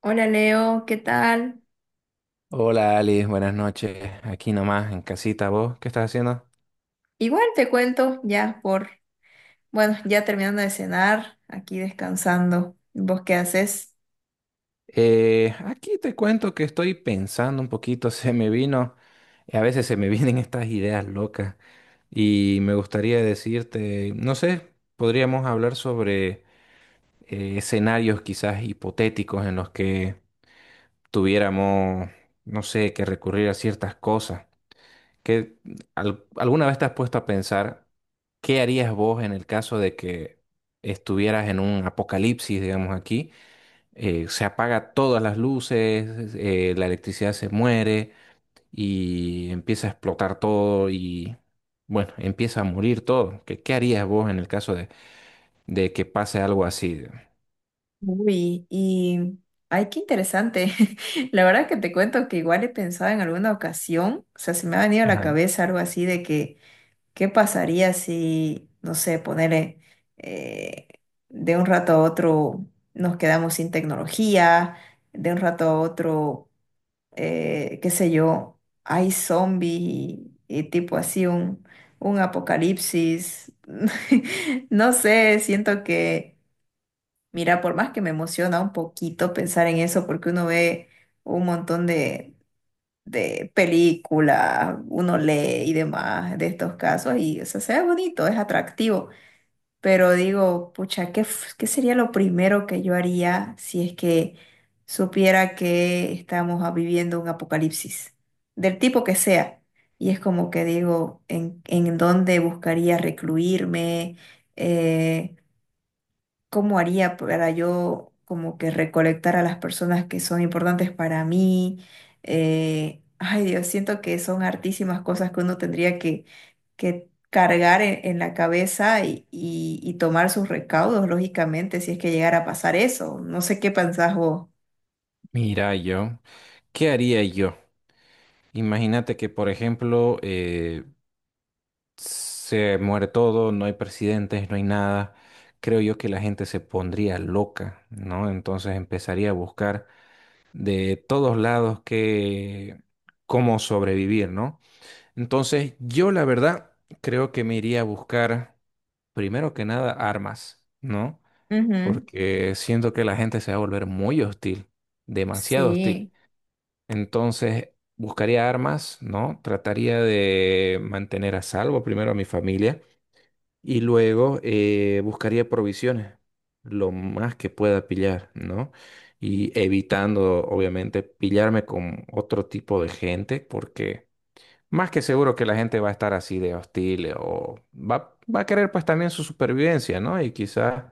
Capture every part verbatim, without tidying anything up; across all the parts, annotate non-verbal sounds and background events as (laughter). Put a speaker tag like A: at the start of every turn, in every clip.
A: Hola Leo, ¿qué tal?
B: Hola Alice, buenas noches. Aquí nomás en casita, ¿vos qué estás haciendo?
A: Igual te cuento ya por, bueno, ya terminando de cenar, aquí descansando. ¿Vos qué haces?
B: Eh, aquí te cuento que estoy pensando un poquito, (laughs) se me vino, a veces se me vienen estas ideas locas y me gustaría decirte, no sé, podríamos hablar sobre eh, escenarios quizás hipotéticos en los que tuviéramos, no sé, que recurrir a ciertas cosas. ¿Qué- ¿Alguna vez te has puesto a pensar? ¿Qué harías vos en el caso de que estuvieras en un apocalipsis, digamos aquí? Eh, se apaga todas las luces, eh, la electricidad se muere y empieza a explotar todo y, bueno, empieza a morir todo. ¿Qué, qué harías vos en el caso de, de que pase algo así?
A: Uy, y ay, qué interesante. (laughs) La verdad que te cuento que igual he pensado en alguna ocasión, o sea, se me ha venido a la
B: Ajá.
A: cabeza algo así de que ¿qué pasaría si, no sé, ponerle de un rato a otro nos quedamos sin tecnología, de un rato a otro eh, qué sé yo, hay zombies y, y tipo así un, un apocalipsis. (laughs) No sé, siento que, mira, por más que me emociona un poquito pensar en eso, porque uno ve un montón de, de películas, uno lee y demás de estos casos, y o sea, se ve bonito, es atractivo. Pero digo, pucha, ¿qué, f- qué sería lo primero que yo haría si es que supiera que estamos ah, viviendo un apocalipsis, del tipo que sea? Y es como que digo, ¿en, en dónde buscaría recluirme? Eh, cómo haría para yo como que recolectar a las personas que son importantes para mí. Eh, ay Dios, siento que son hartísimas cosas que uno tendría que, que cargar en, en la cabeza y, y- y tomar sus recaudos, lógicamente, si es que llegara a pasar eso. No sé qué pensás vos.
B: Mira yo, ¿qué haría yo? Imagínate que, por ejemplo, eh, se muere todo, no hay presidentes, no hay nada, creo yo que la gente se pondría loca, ¿no? Entonces empezaría a buscar de todos lados que cómo sobrevivir, ¿no? Entonces, yo la verdad creo que me iría a buscar primero que nada armas, ¿no?
A: Ujú.
B: Porque siento que la gente se va a volver muy hostil, demasiado hostil.
A: Sí.
B: Entonces, buscaría armas, ¿no? Trataría de mantener a salvo primero a mi familia y luego eh, buscaría provisiones, lo más que pueda pillar, ¿no? Y evitando, obviamente, pillarme con otro tipo de gente, porque más que seguro que la gente va a estar así de hostil o va, va a querer pues también su supervivencia, ¿no? Y quizás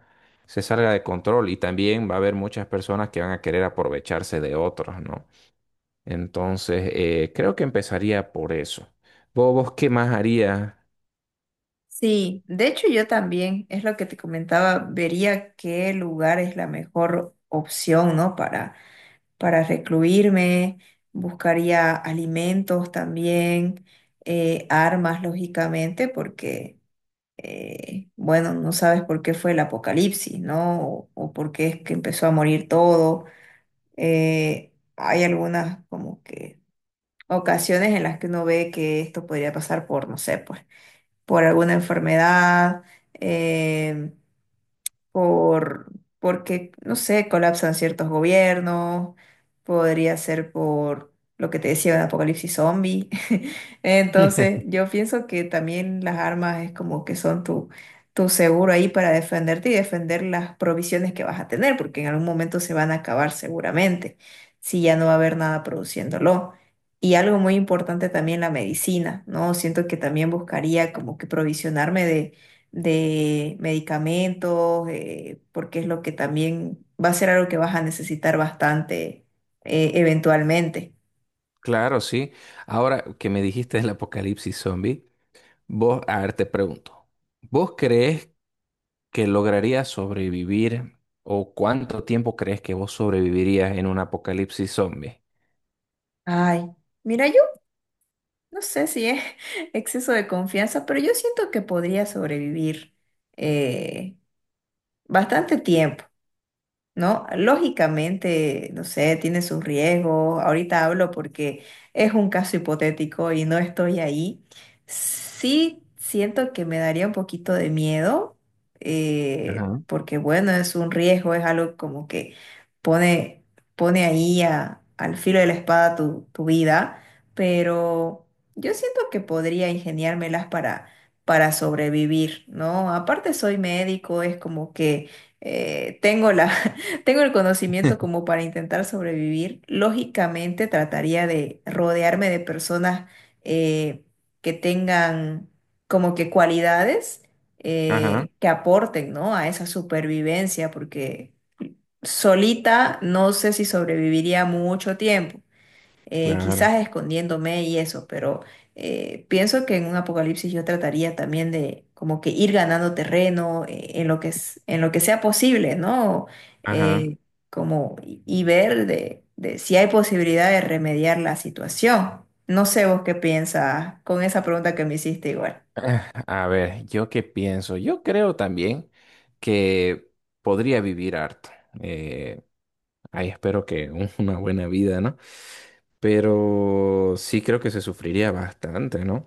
B: se salga de control y también va a haber muchas personas que van a querer aprovecharse de otros, ¿no? Entonces, eh, creo que empezaría por eso. ¿Vos, vos qué más harías?
A: Sí, de hecho yo también, es lo que te comentaba, vería qué lugar es la mejor opción, ¿no? Para, para recluirme, buscaría alimentos también, eh, armas, lógicamente, porque, eh, bueno, no sabes por qué fue el apocalipsis, ¿no? O, o por qué es que empezó a morir todo. Eh, hay algunas como que ocasiones en las que uno ve que esto podría pasar por, no sé, pues por alguna enfermedad, eh, por, porque, no sé, colapsan ciertos gobiernos, podría ser por lo que te decía de apocalipsis zombie. (laughs) Entonces,
B: (laughs)
A: yo pienso que también las armas es como que son tu, tu seguro ahí para defenderte y defender las provisiones que vas a tener, porque en algún momento se van a acabar seguramente, si ya no va a haber nada produciéndolo. Y algo muy importante también la medicina, ¿no? Siento que también buscaría como que provisionarme de de medicamentos, eh, porque es lo que también va a ser algo que vas a necesitar bastante eh, eventualmente.
B: Claro, sí. Ahora que me dijiste el apocalipsis zombie, vos, a ver, te pregunto, ¿vos crees que lograrías sobrevivir o cuánto tiempo crees que vos sobrevivirías en un apocalipsis zombie?
A: Ay, mira, yo no sé si es (laughs) exceso de confianza, pero yo siento que podría sobrevivir eh, bastante tiempo. ¿No? Lógicamente, no sé, tiene sus riesgos. Ahorita hablo porque es un caso hipotético y no estoy ahí. Sí siento que me daría un poquito de miedo, eh,
B: Ajá.
A: porque bueno, es un riesgo, es algo como que pone, pone ahí a- al filo de la espada tu, tu vida, pero yo siento que podría ingeniármelas para... para sobrevivir, ¿no? Aparte soy médico, es como que eh, tengo la, (laughs) tengo el conocimiento
B: (laughs)
A: como para intentar sobrevivir. Lógicamente trataría de rodearme de personas eh, que tengan como que cualidades
B: Ajá,
A: eh, que aporten, ¿no? A esa supervivencia, porque solita no sé si sobreviviría mucho tiempo eh,
B: claro.
A: quizás escondiéndome y eso, pero eh, pienso que en un apocalipsis yo trataría también de como que ir ganando terreno eh, en lo que es, en lo que sea posible, ¿no?
B: Ajá.
A: Eh,
B: (sighs)
A: como y, y ver de, de si hay posibilidad de remediar la situación. No sé vos qué piensas con esa pregunta que me hiciste igual.
B: Ah, a ver, ¿yo qué pienso? Yo creo también que podría vivir harto. Eh, ahí espero que un- una buena vida, ¿no? Pero sí creo que se sufriría bastante, ¿no?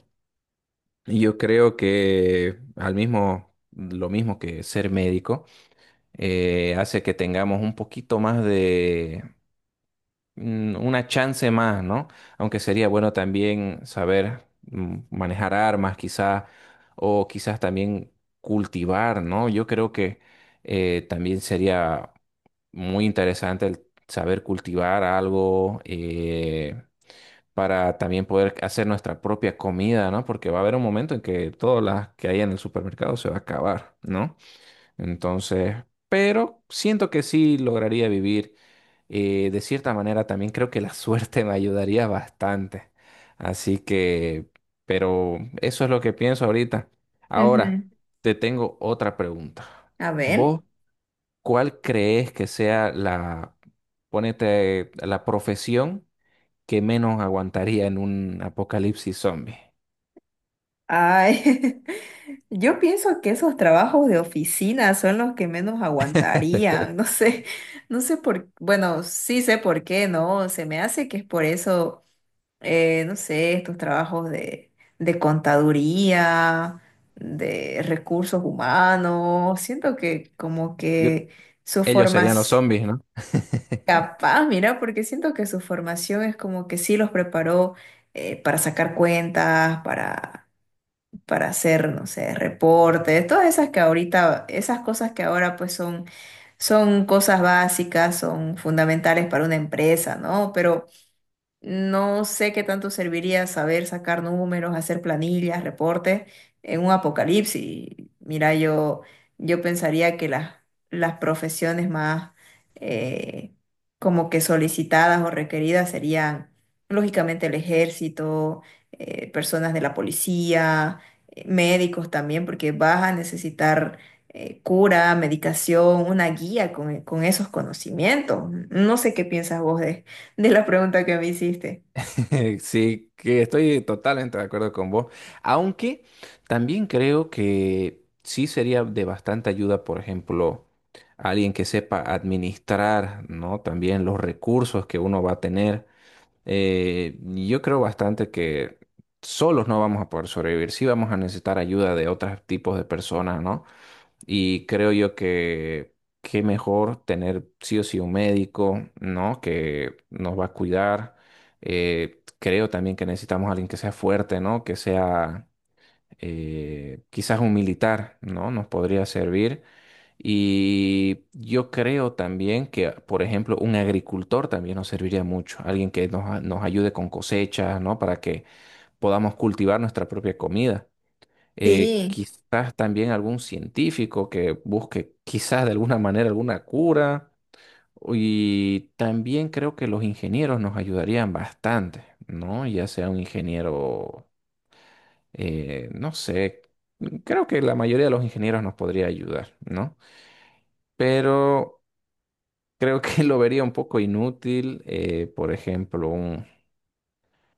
B: Yo creo que al mismo, lo mismo que ser médico, eh, hace que tengamos un poquito más de mm, una chance más, ¿no? Aunque sería bueno también saber mm, manejar armas, quizá, o quizás también cultivar, ¿no? Yo creo que eh, también sería muy interesante el saber cultivar algo. Eh, para también poder hacer nuestra propia comida, ¿no? Porque va a haber un momento en que todas las que hay en el supermercado se va a acabar, ¿no? Entonces, pero siento que sí lograría vivir. Eh, de cierta manera, también creo que la (laughs) suerte me ayudaría bastante. Así que, pero eso es lo que pienso ahorita. Ahora,
A: Ujú.
B: te tengo otra pregunta.
A: A ver.
B: ¿Vos cuál crees que sea la, ponete, la profesión que menos aguantaría en un apocalipsis zombie?
A: Ay. (laughs) Yo pienso que esos trabajos de oficina son los que menos aguantarían. (laughs) No sé, no sé por, bueno, sí sé por qué, ¿no? Se me hace que es por eso, eh, no sé, estos trabajos de, de contaduría, de recursos humanos. Siento que como
B: Yo,
A: que su
B: ellos serían los
A: formación,
B: zombies, ¿no? (laughs)
A: capaz, mira, porque siento que su formación es como que sí los preparó eh, para sacar cuentas, para para hacer, no sé, reportes, todas esas que ahorita, esas cosas que ahora pues son, son cosas básicas, son fundamentales para una empresa, ¿no? Pero no sé qué tanto serviría saber sacar números, hacer planillas, reportes en un apocalipsis. Mira, yo, yo pensaría que las, las profesiones más eh, como que solicitadas o requeridas serían, lógicamente, el ejército, eh, personas de la policía, eh, médicos también, porque vas a necesitar eh, cura, medicación, una guía con, con esos conocimientos. No sé qué piensas vos de la pregunta que me hiciste.
B: Sí, que estoy totalmente de acuerdo con vos. Aunque también creo que sí sería de bastante ayuda, por ejemplo, alguien que sepa administrar, ¿no? También los recursos que uno va a tener. Eh, yo creo bastante que solos no vamos a poder sobrevivir. Sí vamos a necesitar ayuda de otros tipos de personas, ¿no? Y creo yo que qué mejor tener sí o sí un médico, ¿no? Que nos va a cuidar. Eh, creo también que necesitamos a alguien que sea fuerte, ¿no? Que sea eh, quizás un militar, ¿no? Nos podría servir. Y yo creo también que, por ejemplo, un agricultor también nos serviría mucho. Alguien que nos, a- nos ayude con cosechas, ¿no? Para que podamos cultivar nuestra propia comida eh,
A: Sí,
B: quizás también algún científico que busque quizás de alguna manera alguna cura. Y también creo que los ingenieros nos ayudarían bastante, ¿no? Ya sea un ingeniero, eh, no sé, creo que la mayoría de los ingenieros nos podría ayudar, ¿no? Pero creo que (laughs) lo vería un poco inútil, eh, por ejemplo, un,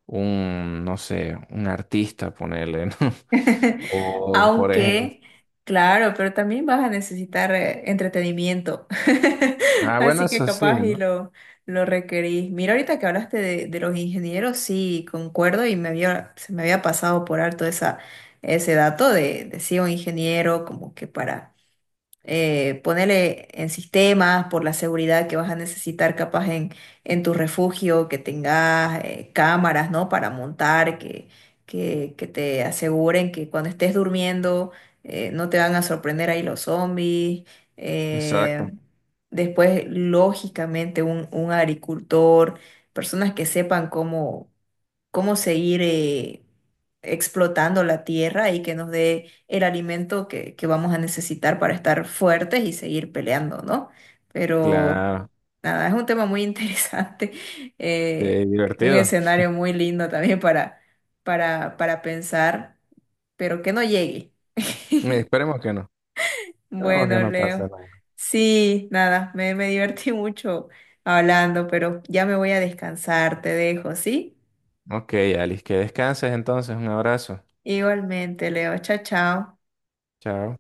B: un, no sé, un artista, ponerle, ¿no? (laughs)
A: (laughs)
B: O, por ejemplo,
A: aunque, claro, pero también vas a necesitar eh, entretenimiento.
B: ah,
A: (laughs)
B: bueno,
A: Así que
B: eso sí,
A: capaz y
B: ¿no?
A: lo, lo requerís. Mira, ahorita que hablaste de, de los ingenieros, sí, concuerdo y me había, se me había pasado por alto esa, ese dato de, de sí, un ingeniero como que para... eh, ponerle en sistemas por la seguridad que vas a necesitar capaz en, en tu refugio, que tengas eh, cámaras, ¿no? Para montar, que, que, que te aseguren que cuando estés durmiendo eh, no te van a sorprender ahí los zombies. Eh,
B: Exacto.
A: después, lógicamente, un, un agricultor, personas que sepan cómo cómo seguir eh, explotando la tierra y que nos dé el alimento que, que vamos a necesitar para estar fuertes y seguir peleando, ¿no? Pero
B: Claro,
A: nada, es un tema muy interesante, (laughs)
B: sí,
A: eh, un
B: divertido.
A: escenario muy lindo también para, para, para pensar, pero que no llegue. (laughs)
B: Esperemos que no. Esperemos que
A: Bueno,
B: no pase
A: Leo.
B: nada.
A: Sí, nada, me, me divertí mucho hablando, pero ya me voy a descansar, te dejo, ¿sí?
B: Ok, Alice, que descanses entonces. Un abrazo.
A: Igualmente, Leo. Chao, chao.
B: Chao.